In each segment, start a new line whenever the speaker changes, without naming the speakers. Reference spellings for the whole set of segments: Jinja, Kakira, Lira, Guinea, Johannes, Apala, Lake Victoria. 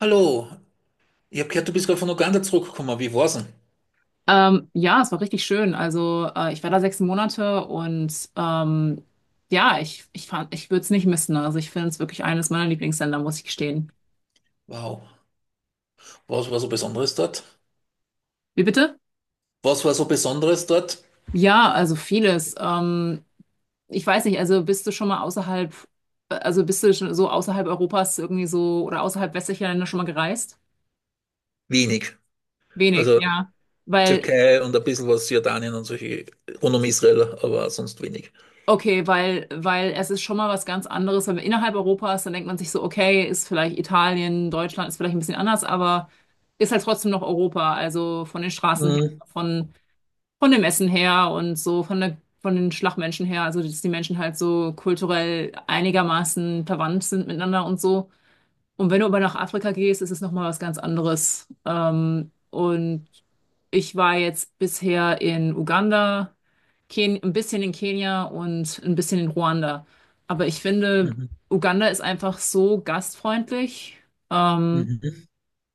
Hallo, ich habe gehört, du bist gerade von Uganda zurückgekommen. Wie war's denn?
Ja, es war richtig schön. Also ich war da sechs Monate und ja, ich fand, ich würde es nicht missen. Also ich finde es wirklich eines meiner Lieblingsländer, muss ich gestehen.
Wow. Was war so Besonderes dort?
Wie bitte?
Was war so Besonderes dort?
Ja, also vieles. Ich weiß nicht, also bist du schon so außerhalb Europas irgendwie so oder außerhalb westlicher Länder schon mal gereist?
Wenig.
Wenig,
Also
ja. Weil.
Türkei und ein bisschen was Jordanien und solche rund um Israel, aber sonst wenig.
Okay, weil es ist schon mal was ganz anderes. Wenn man innerhalb Europas, dann denkt man sich so, okay, ist vielleicht Italien, Deutschland ist vielleicht ein bisschen anders, aber ist halt trotzdem noch Europa. Also von den Straßen her,
Mhm.
von, von dem Essen her und so, von den Schlagmenschen her. Also, dass die Menschen halt so kulturell einigermaßen verwandt sind miteinander und so. Und wenn du aber nach Afrika gehst, ist es nochmal was ganz anderes. Und ich war jetzt bisher in Uganda, Ken ein bisschen in Kenia und ein bisschen in Ruanda. Aber ich finde,
Mhm.
Uganda ist einfach so gastfreundlich, ähm,
Mhm.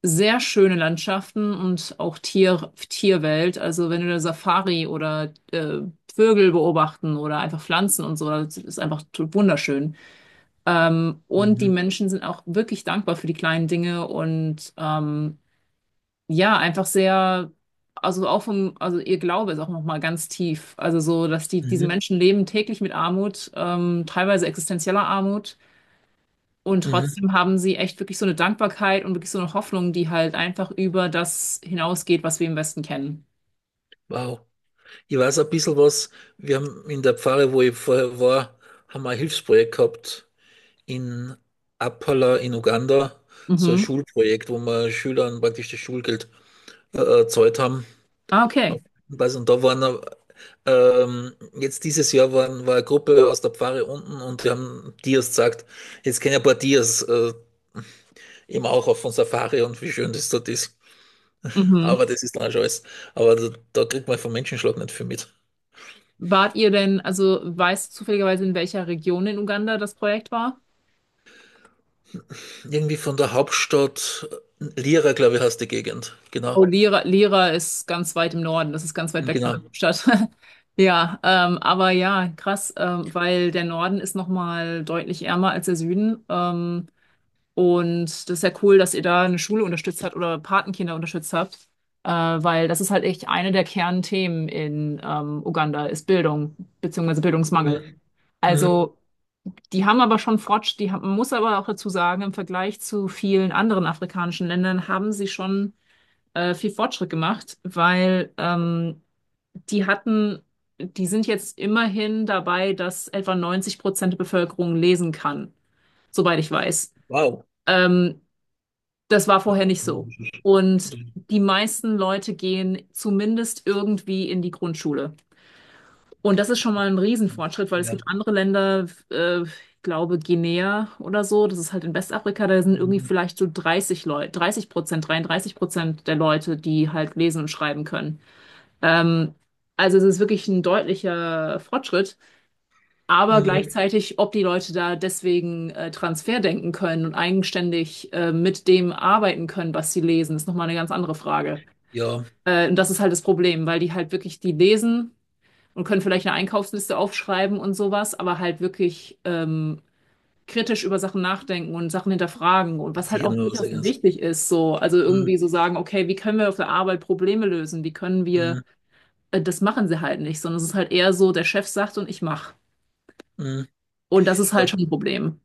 sehr schöne Landschaften und auch Tierwelt. Also wenn du eine Safari oder Vögel beobachten oder einfach Pflanzen und so, das ist einfach wunderschön. Und die
Mhm.
Menschen sind auch wirklich dankbar für die kleinen Dinge und ja, einfach sehr, also ihr Glaube ist auch nochmal ganz tief. Also so, dass diese
Mhm.
Menschen leben täglich mit Armut, teilweise existenzieller Armut. Und
Mhm.
trotzdem haben sie echt wirklich so eine Dankbarkeit und wirklich so eine Hoffnung, die halt einfach über das hinausgeht, was wir im Westen kennen.
Wow. Ich weiß ein bisschen was. Wir haben in der Pfarre, wo ich vorher war, haben wir ein Hilfsprojekt gehabt in Apala in Uganda. So ein
Mhm.
Schulprojekt, wo wir Schülern praktisch das Schulgeld erzeugt haben.
Ah, okay.
Weiß und da waren jetzt dieses Jahr waren, war eine Gruppe aus der Pfarre unten und die haben Dias gesagt, jetzt kennen ein paar Dias eben auch auf von Safari und wie schön das dort ist.
Mhm.
Aber das ist dann auch schon alles. Aber da kriegt man vom Menschenschlag nicht viel mit.
Wart ihr denn, also weißt du zufälligerweise, in welcher Region in Uganda das Projekt war?
Irgendwie von der Hauptstadt Lira, glaube ich, heißt die Gegend. Genau.
Oh, Lira, Lira ist ganz weit im Norden, das ist ganz weit weg von der
Genau.
Stadt. Ja, aber ja, krass, weil der Norden ist nochmal deutlich ärmer als der Süden. Und das ist ja cool, dass ihr da eine Schule unterstützt habt oder Patenkinder unterstützt habt, weil das ist halt echt eine der Kernthemen in Uganda, ist Bildung, beziehungsweise Bildungsmangel.
Mhm. Mhm.
Also, die haben aber schon Fortschritt, man muss aber auch dazu sagen, im Vergleich zu vielen anderen afrikanischen Ländern haben sie schon viel Fortschritt gemacht, weil die hatten, die sind jetzt immerhin dabei, dass etwa 90% der Bevölkerung lesen kann, soweit ich weiß.
Wow.
Ähm, Das war vorher nicht so. Und die meisten Leute gehen zumindest irgendwie in die Grundschule. Und das ist schon mal ein Riesenfortschritt, weil es
Ja.
gibt andere Länder, ich glaube Guinea oder so, das ist halt in Westafrika, da sind irgendwie
Mhm.
vielleicht so 30 Leute, 30%, 33% der Leute, die halt lesen und schreiben können. Ähm, also es ist wirklich ein deutlicher Fortschritt, aber
Mhm.
gleichzeitig, ob die Leute da deswegen Transfer denken können und eigenständig mit dem arbeiten können, was sie lesen, ist nochmal eine ganz andere Frage.
Ja,
Und das ist halt das Problem, weil die halt wirklich die lesen und können vielleicht eine Einkaufsliste aufschreiben und sowas, aber halt wirklich kritisch über Sachen nachdenken und Sachen hinterfragen und was halt
sicher
auch
noch was
durchaus
eigenes.
wichtig ist, so, also
Mhm.
irgendwie so sagen, okay, wie können wir auf der Arbeit Probleme lösen? Wie können wir
Mhm.
Das machen sie halt nicht, sondern es ist halt eher so, der Chef sagt und ich mache.
Mhm.
Und das ist
Ja.
halt schon ein Problem.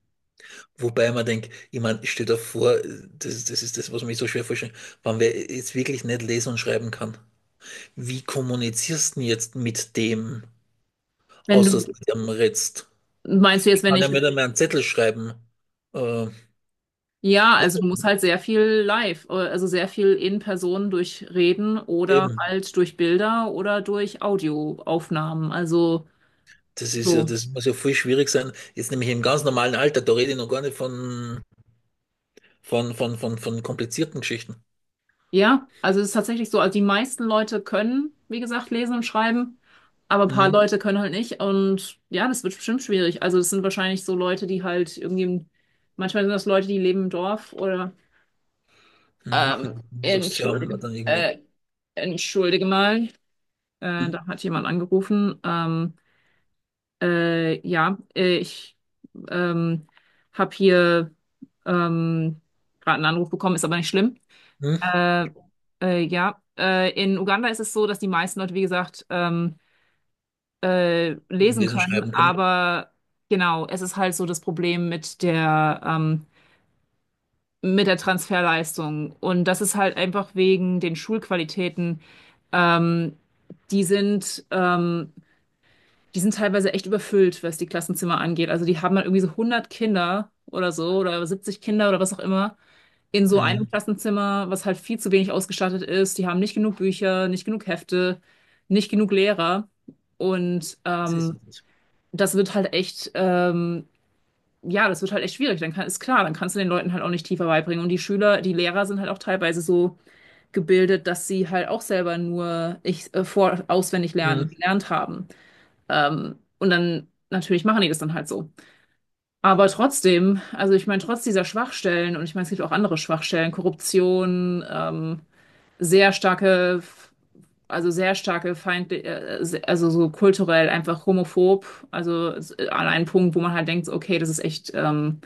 Wobei man denkt, ich meine, stell dir vor, das ist das, was mich so schwer vorstellt, wenn wer jetzt wirklich nicht lesen und schreiben kann. Wie kommunizierst du denn jetzt mit dem,
Wenn
außer
du,
dass du mit dem redst?
Meinst du jetzt,
Ich
wenn
kann
ich,
ja mit einem einen Zettel schreiben. Äh,
ja, also du musst halt sehr viel live, also sehr viel in Person durch Reden oder
eben,
halt durch Bilder oder durch Audioaufnahmen. Also
das ist ja,
so.
das muss ja viel schwierig sein. Jetzt nämlich im ganz normalen Alter, da rede ich noch gar nicht von, von komplizierten Geschichten.
Ja, also es ist tatsächlich so, also die meisten Leute können, wie gesagt, lesen und schreiben, aber ein paar
Hm,
Leute können halt nicht und ja, das wird bestimmt schwierig. Also es sind wahrscheinlich so Leute, die halt irgendwie, manchmal sind das Leute, die leben im Dorf oder.
hm,
Ähm,
hm. Sagst, sie haben
entschuldige,
dann irgendwer.
äh, Entschuldige mal,
Hm,
da hat jemand angerufen. Ja, ich ähm, habe hier ähm, gerade einen Anruf bekommen, ist aber nicht schlimm.
hm.
Äh, ja, in Uganda ist es so, dass die meisten Leute, wie gesagt, lesen
Lesen und
können,
schreiben können.
aber genau, es ist halt so das Problem mit der Transferleistung. Und das ist halt einfach wegen den Schulqualitäten. Ähm, die sind, ähm, die sind teilweise echt überfüllt, was die Klassenzimmer angeht. Also die haben dann irgendwie so 100 Kinder oder so oder 70 Kinder oder was auch immer in so einem
Hm,
Klassenzimmer, was halt viel zu wenig ausgestattet ist. Die haben nicht genug Bücher, nicht genug Hefte, nicht genug Lehrer. Und
das ist
ähm, Das wird halt echt, ja, das wird halt echt schwierig. Ist klar, dann kannst du den Leuten halt auch nicht tiefer beibringen. Und die Schüler, die Lehrer sind halt auch teilweise so gebildet, dass sie halt auch selber nur ich, vor, auswendig lernen,
es.
gelernt haben. Und dann natürlich machen die das dann halt so. Aber trotzdem, also ich meine, trotz dieser Schwachstellen, und ich meine, es gibt auch andere Schwachstellen, Korruption, sehr starke, sehr starke also so kulturell einfach homophob, an einen Punkt, wo man halt denkt, so, okay, das ist echt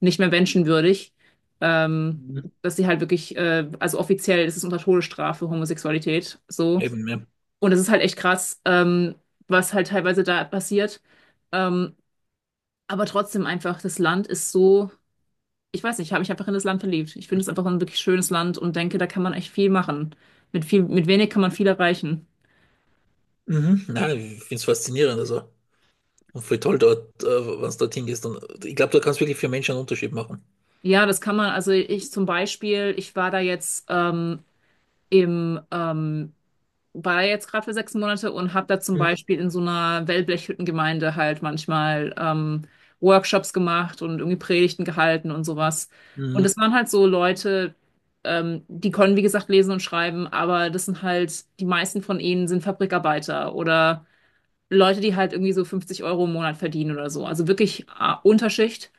nicht mehr menschenwürdig, ähm,
Mhm.
dass sie halt wirklich, also offiziell ist es unter Todesstrafe Homosexualität, so.
Eben, ja.
Und es ist halt echt krass, was halt teilweise da passiert. Ähm, aber trotzdem einfach, das Land ist so, ich weiß nicht, ich habe mich einfach in das Land verliebt. Ich finde es einfach ein wirklich schönes Land und denke, da kann man echt viel machen. Mit viel, mit wenig kann man viel erreichen.
Mhm. Nein, ich finde es faszinierend. Also. Und voll toll dort, wenn es dorthin gehst. Und ich glaube, da kannst du wirklich für Menschen einen Unterschied machen.
Ja, das kann man. Also ich zum Beispiel, ich war da jetzt im, ähm, gerade für sechs Monate und habe da zum
Mhm.
Beispiel in so einer Wellblechhüttengemeinde halt manchmal Workshops gemacht und irgendwie Predigten gehalten und sowas. Und
Mhm.
das waren halt so Leute, die können, wie gesagt, lesen und schreiben, aber das sind halt, die meisten von ihnen sind Fabrikarbeiter oder Leute, die halt irgendwie so 50 € im Monat verdienen oder so. Also wirklich Unterschicht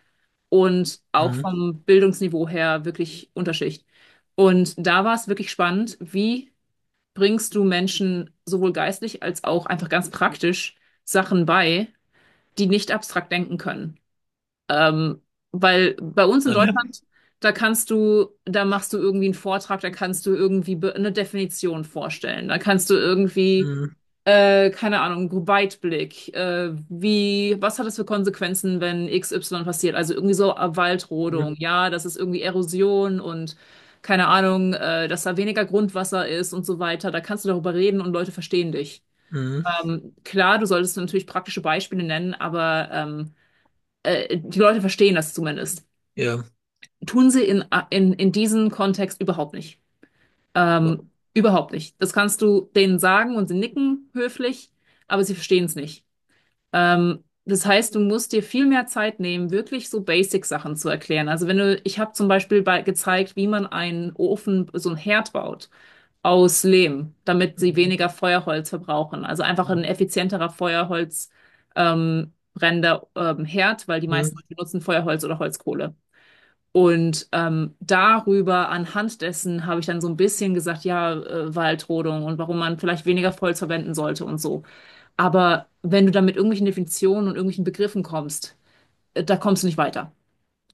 und auch
Mhm.
vom Bildungsniveau her wirklich Unterschicht. Und da war es wirklich spannend, wie bringst du Menschen sowohl geistlich als auch einfach ganz praktisch Sachen bei, die nicht abstrakt denken können. Ähm, Weil bei uns in
Okay.
Deutschland, da kannst du, da machst du irgendwie einen Vortrag, da kannst du irgendwie eine Definition vorstellen, da kannst du irgendwie,
Mhm.
keine Ahnung, Weitblick, wie, was hat das für Konsequenzen, wenn XY passiert? Also irgendwie so
Mhm.
Waldrodung, ja, das ist irgendwie Erosion und keine Ahnung, dass da weniger Grundwasser ist und so weiter. Da kannst du darüber reden und Leute verstehen dich.
Mhm.
Klar, du solltest natürlich praktische Beispiele nennen, aber die Leute verstehen das zumindest.
Ja.
Tun sie in diesem Kontext überhaupt nicht. Überhaupt nicht. Das kannst du denen sagen und sie nicken höflich, aber sie verstehen es nicht. Das heißt, du musst dir viel mehr Zeit nehmen, wirklich so Basic-Sachen zu erklären. Also wenn du, ich habe zum Beispiel bei, gezeigt, wie man einen Ofen, so einen Herd baut aus Lehm, damit sie
Mhm.
weniger Feuerholz verbrauchen. Also einfach ein
Mhm.
effizienterer Feuerholz brennender Herd, weil die meisten
Mhm.
benutzen Feuerholz oder Holzkohle. Darüber, anhand dessen, habe ich dann so ein bisschen gesagt, ja, Waldrodung und warum man vielleicht weniger Holz verwenden sollte und so. Aber wenn du dann mit irgendwelchen Definitionen und irgendwelchen Begriffen kommst, da kommst du nicht weiter.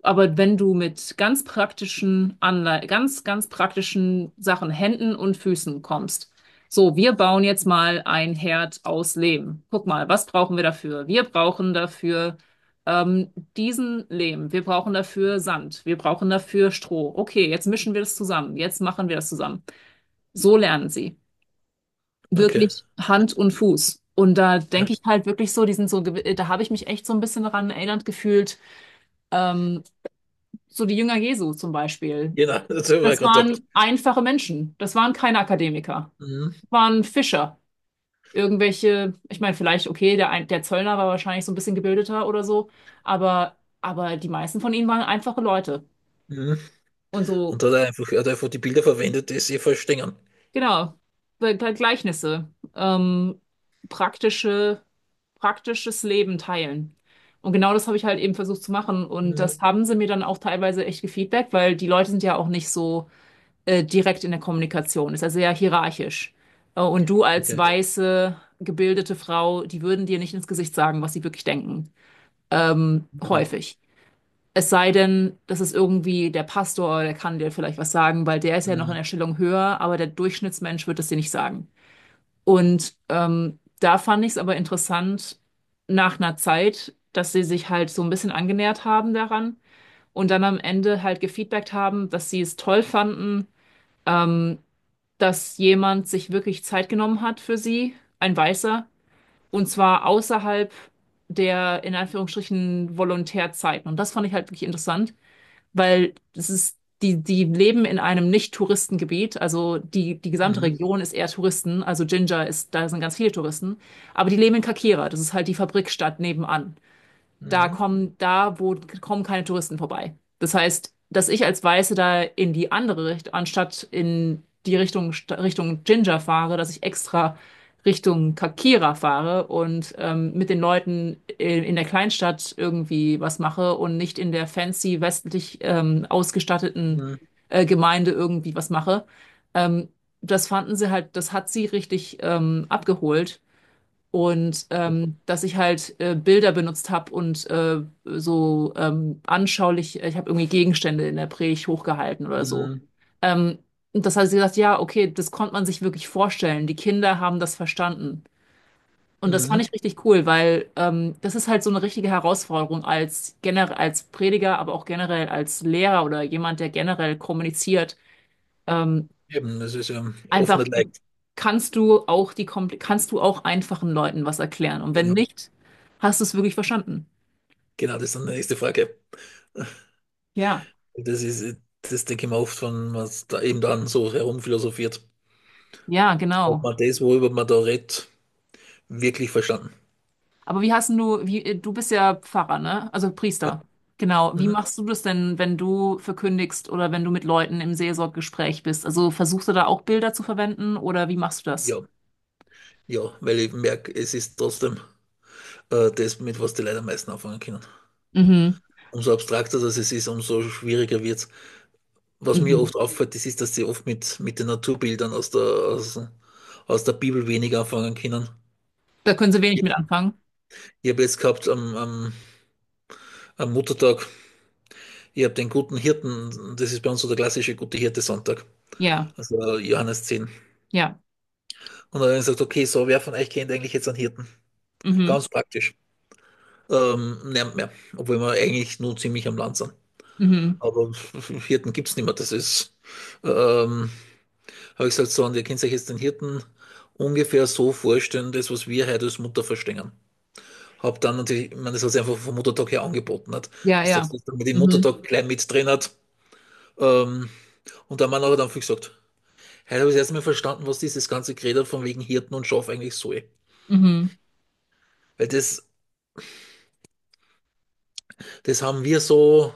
Aber wenn du mit ganz praktischen Anlei ganz, ganz praktischen Sachen, Händen und Füßen kommst, so, wir bauen jetzt mal ein Herd aus Lehm. Guck mal, was brauchen wir dafür? Wir brauchen dafür ähm, diesen Lehm. Wir brauchen dafür Sand. Wir brauchen dafür Stroh. Okay, jetzt mischen wir das zusammen. Jetzt machen wir das zusammen. So lernen sie.
Okay.
Wirklich Hand und Fuß. Und da
Ja.
denke ich halt wirklich so, die sind so, da habe ich mich echt so ein bisschen daran erinnert gefühlt. Ähm, so die Jünger Jesu zum Beispiel.
Genau, das habe ich mir
Das
gerade gedacht.
waren einfache Menschen. Das waren keine Akademiker.
Mhm.
Das waren Fischer. Irgendwelche, ich meine, vielleicht, okay, der Zöllner war wahrscheinlich so ein bisschen gebildeter oder so, aber, aber die meisten von ihnen waren einfache Leute.
Mhm.
Und so,
Und da hat er einfach, er hat einfach die Bilder verwendet, die sie verstehen.
genau, Gleichnisse, praktische, praktisches Leben teilen. Und genau das habe ich halt eben versucht zu machen. Und das
Mhm.
haben sie mir dann auch teilweise echt gefeedbackt, weil die Leute sind ja auch nicht so direkt in der Kommunikation ist, also sehr hierarchisch. Und du als
Okay.
weiße, gebildete Frau, die würden dir nicht ins Gesicht sagen, was sie wirklich denken.
Mhm.
Häufig. Es sei denn, das ist irgendwie der Pastor, der kann dir vielleicht was sagen, weil der ist ja noch in der
Mhm.
Stellung höher, aber der Durchschnittsmensch wird es dir nicht sagen. Und da fand ich es aber interessant, nach einer Zeit, dass sie sich halt so ein bisschen angenähert haben daran und dann am Ende halt gefeedbackt haben, dass sie es toll fanden, ähm, dass jemand sich wirklich Zeit genommen hat für sie, ein Weißer, und zwar außerhalb der in Anführungsstrichen Volontärzeiten. Und das fand ich halt wirklich interessant, weil das ist, die, die leben in einem Nicht-Touristengebiet, also die, die gesamte
Mhm.
Region ist eher Touristen, also Jinja ist, da sind ganz viele Touristen, aber die leben in Kakira, das ist halt die Fabrikstadt nebenan, da
Mhm.
kommen, da wo kommen keine Touristen vorbei. Das heißt, dass ich als Weiße da in die andere Richtung, anstatt in die Richtung, Richtung Jinja fahre, dass ich extra Richtung Kakira fahre und mit den Leuten in der Kleinstadt irgendwie was mache und nicht in der fancy westlich ausgestatteten
Mhm.
Gemeinde irgendwie was mache. Ähm, Das fanden sie halt, das hat sie richtig abgeholt und dass ich halt Bilder benutzt habe und so anschaulich, ich habe irgendwie Gegenstände in der Predigt hochgehalten oder so.
Mhm.
Ähm, und das hat sie gesagt, ja, okay, das konnte man sich wirklich vorstellen. Die Kinder haben das verstanden. Und das
Mhm.
fand ich richtig cool, weil das ist halt so eine richtige Herausforderung als generell als Prediger, aber auch generell als Lehrer oder jemand, der generell kommuniziert. Ähm,
Eben, das ist ja oft
Einfach
nicht leicht.
kannst du auch die kompl kannst du auch einfachen Leuten was erklären. Und wenn
Genau.
nicht, hast du es wirklich verstanden.
Genau, das ist dann die nächste Frage.
Ja,
Das ist, das denke ich mir oft, wenn man da eben dann so herumphilosophiert,
ja,
ob
genau.
man das, worüber man da redet, wirklich verstanden.
Aber wie hast denn du, wie, du bist ja Pfarrer, ne? Also
Ja.
Priester. Genau. Wie
Mhm.
machst du das denn, wenn du verkündigst oder wenn du mit Leuten im Seelsorggespräch bist? Also versuchst du da auch Bilder zu verwenden oder wie machst du das?
Ja. Ja, weil ich merke, es ist trotzdem das, mit was die Leute am meisten anfangen können.
Mhm.
Umso abstrakter das es ist, umso schwieriger wird es. Was mir
Mhm.
oft auffällt, das ist, dass sie oft mit den Naturbildern aus der, aus, aus der Bibel weniger anfangen können.
Da können sie wenig mit
Ich,
anfangen.
ich habe jetzt gehabt am, am, am Muttertag. Ihr habt den guten Hirten, das ist bei uns so der klassische gute Hirte-Sonntag,
Ja,
also Johannes zehn.
ja.
Und dann sagt, okay, so, wer von euch kennt eigentlich jetzt einen Hirten?
Mhm.
Ganz praktisch. Niemand mehr, obwohl wir eigentlich nur ziemlich am Land sind.
Mhm.
Aber Hirten gibt es nicht mehr, das ist, ähm, habe ich gesagt, so, und ihr könnt euch jetzt den Hirten ungefähr so vorstellen, das, was wir heute als Mutter verstehen. Hab dann natürlich, ich meine, das hat sich einfach vom Muttertag her angeboten hat,
Ja,
dass
ja.
man den
Mhm.
Muttertag gleich mit drin hat. Ähm, und der Mann hat dann viel gesagt, hey, da habe ich erstmal verstanden, was dieses ganze Gerede von wegen Hirten und Schaf eigentlich soll.
Mhm.
Weil das, das haben wir so,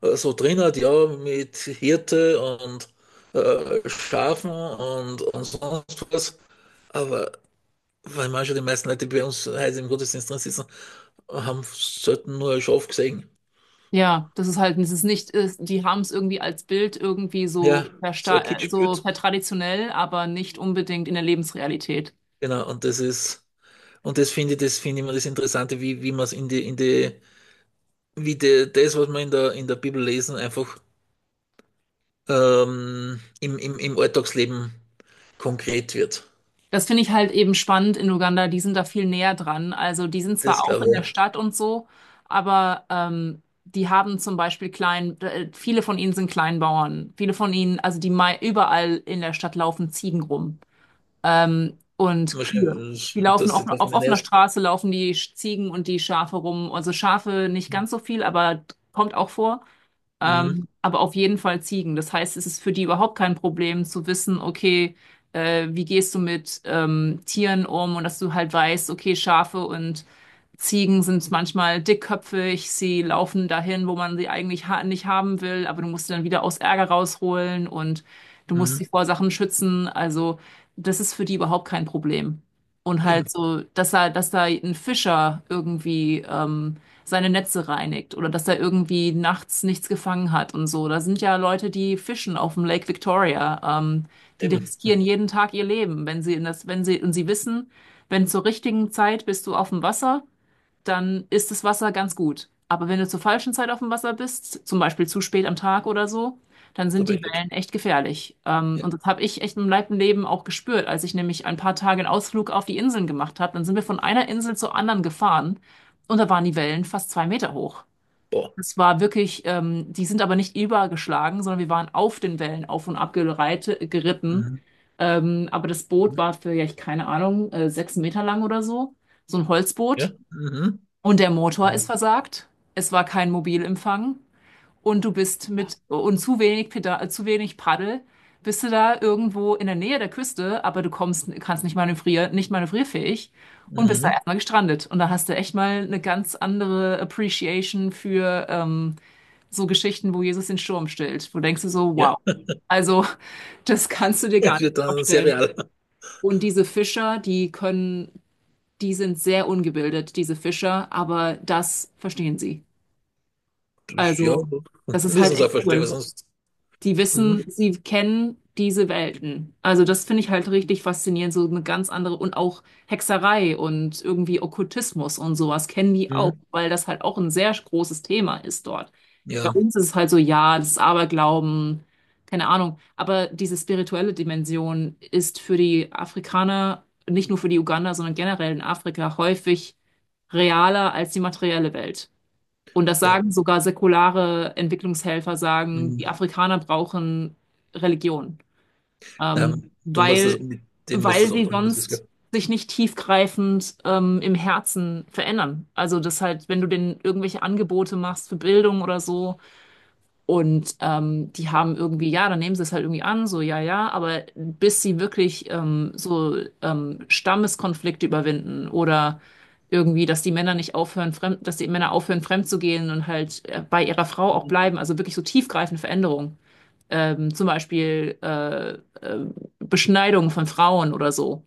so drin, halt, ja, mit Hirte und Schafen und sonst was. Aber weil manche, die meisten Leute, die bei uns heute im Gottesdienst drin sitzen, haben selten nur ein Schaf gesehen.
Ja, das ist halt, das ist nicht, ist, die haben es irgendwie als Bild irgendwie
Ja,
so,
so ein Kind
so
spürt.
vertraditionell, aber nicht unbedingt in der Lebensrealität.
Genau, und das ist, und das finde ich immer das Interessante, wie, wie man es in die, wie die, das, was wir in der Bibel lesen, einfach im, im, im Alltagsleben konkret wird.
Das finde ich halt eben spannend in Uganda, die sind da viel näher dran. Also die sind
Das
zwar auch
glaube
in der
ich.
Stadt und so, aber die haben zum Beispiel viele von ihnen sind Kleinbauern, viele von ihnen, also überall in der Stadt laufen Ziegen rum. Und Kühe. Die
Wahrscheinlich,
laufen
dass
auch
das das
auf
nicht
offener
erst.
Straße, laufen Ziegen und die Schafe rum. Also Schafe nicht ganz so viel, aber kommt auch vor.
Mhm.
Aber auf jeden Fall Ziegen. Das heißt, es ist für die überhaupt kein Problem zu wissen, okay, wie gehst du mit Tieren um und dass du halt weißt, okay, Schafe und Ziegen sind manchmal dickköpfig, sie laufen dahin, wo man sie eigentlich ha nicht haben will, aber du musst sie dann wieder aus Ärger rausholen und du musst
Mhm.
sie vor Sachen schützen. Also das ist für die überhaupt kein Problem. Und
Eben,
halt so, dass er, dass da ein Fischer irgendwie seine Netze reinigt oder dass er irgendwie nachts nichts gefangen hat und so. Da sind ja Leute, die fischen auf dem Lake Victoria. Die
eben.
riskieren jeden Tag ihr Leben, wenn sie in das, wenn sie, und sie wissen, wenn zur richtigen Zeit bist du auf dem Wasser, dann ist das Wasser ganz gut. Aber wenn du zur falschen Zeit auf dem Wasser bist, zum Beispiel zu spät am Tag oder so, dann
Da
sind
bin
die
ich gut.
Wellen echt gefährlich.
Ja.
Und das habe ich echt im Leib und Leben auch gespürt, als ich nämlich ein paar Tage einen Ausflug auf die Inseln gemacht habe. Dann sind wir von einer Insel zur anderen gefahren und da waren die Wellen fast 2 Meter hoch.
Boah.
Das war wirklich, die sind aber nicht übergeschlagen, sondern wir waren auf den Wellen auf und ab geritten.
Mhm.
Aber das Boot
Mhm.
war für, ja, ich keine Ahnung, 6 Meter lang oder so. So ein Holzboot.
Ja. Mhm.
Und der Motor ist versagt. Es war kein Mobilempfang. Und du bist mit und zu wenig Paddel, bist du da irgendwo in der Nähe der Küste, aber kannst nicht manövrieren, nicht manövrierfähig und bist da
Mhm.
erstmal gestrandet. Und da hast du echt mal eine ganz andere Appreciation für so Geschichten, wo Jesus den Sturm stillt. Wo denkst du so,
Ja.
wow. Also, das kannst du dir gar
Es
nicht
wird dann sehr
vorstellen.
real.
Und diese Fischer, die können, die sind sehr ungebildet, diese Fischer, aber das verstehen sie.
Das- Ja,
Also, das ist halt
müssen es auch
echt
verstehen, weil
cool.
sonst.
Die
Mhm.
wissen, sie kennen diese Welten. Also das finde ich halt richtig faszinierend, so eine ganz andere und auch Hexerei und irgendwie Okkultismus und sowas kennen die auch,
Mhm.
weil das halt auch ein sehr großes Thema ist dort. Bei
Ja,
uns ist es halt so, ja, das ist Aberglauben, keine Ahnung, aber diese spirituelle Dimension ist für die Afrikaner, nicht nur für die Uganda, sondern generell in Afrika häufig realer als die materielle Welt. Und das
ja.
sagen sogar säkulare Entwicklungshelfer, sagen, die
Mhm.
Afrikaner brauchen Religion,
Nein, du musst das
weil,
mit dem musst
weil
das
sie
abholen, das ist klar.
sonst sich nicht tiefgreifend im Herzen verändern. Also das halt, wenn du denen irgendwelche Angebote machst für Bildung oder so, und die haben irgendwie, ja, dann nehmen sie es halt irgendwie an, so ja, ja, aber bis sie wirklich Stammeskonflikte überwinden oder irgendwie, dass die Männer nicht aufhören, fremd, dass die Männer aufhören, fremd zu gehen und halt bei ihrer Frau auch
Mhm.
bleiben, also wirklich so tiefgreifende Veränderungen. Zum Beispiel Beschneidung von Frauen oder so.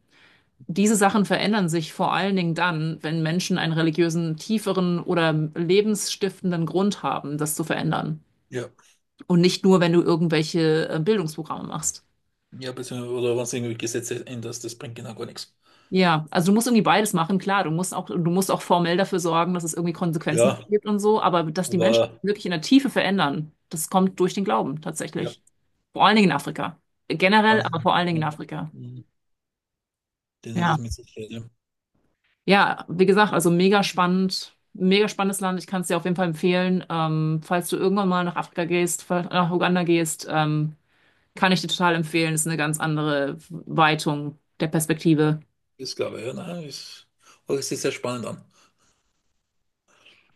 Diese Sachen verändern sich vor allen Dingen dann, wenn Menschen einen religiösen, tieferen oder lebensstiftenden Grund haben, das zu verändern.
Ja.
Und nicht nur, wenn du irgendwelche Bildungsprogramme machst.
Ja, beziehungsweise, oder wenn du irgendwie Gesetze änderst, das bringt genau gar nichts.
Ja, also du musst irgendwie beides machen, klar. Du musst auch formell dafür sorgen, dass es irgendwie Konsequenzen dafür
Ja,
gibt und so, aber dass die Menschen
aber.
wirklich in der Tiefe verändern, das kommt durch den Glauben
Ja,
tatsächlich. Vor allen Dingen in Afrika. Generell,
also,
aber vor allen Dingen in
ja.
Afrika.
Mhm. Den hat es
Ja.
mit sich ja.
Ja, wie gesagt, also mega spannend, mega spannendes Land. Ich kann es dir auf jeden Fall empfehlen. Falls du irgendwann mal nach Afrika gehst, nach Uganda gehst, kann ich dir total empfehlen. Ist eine ganz andere Weitung der Perspektive.
Ist, glaube ich, ja, nein, ist, hört sich sehr spannend an.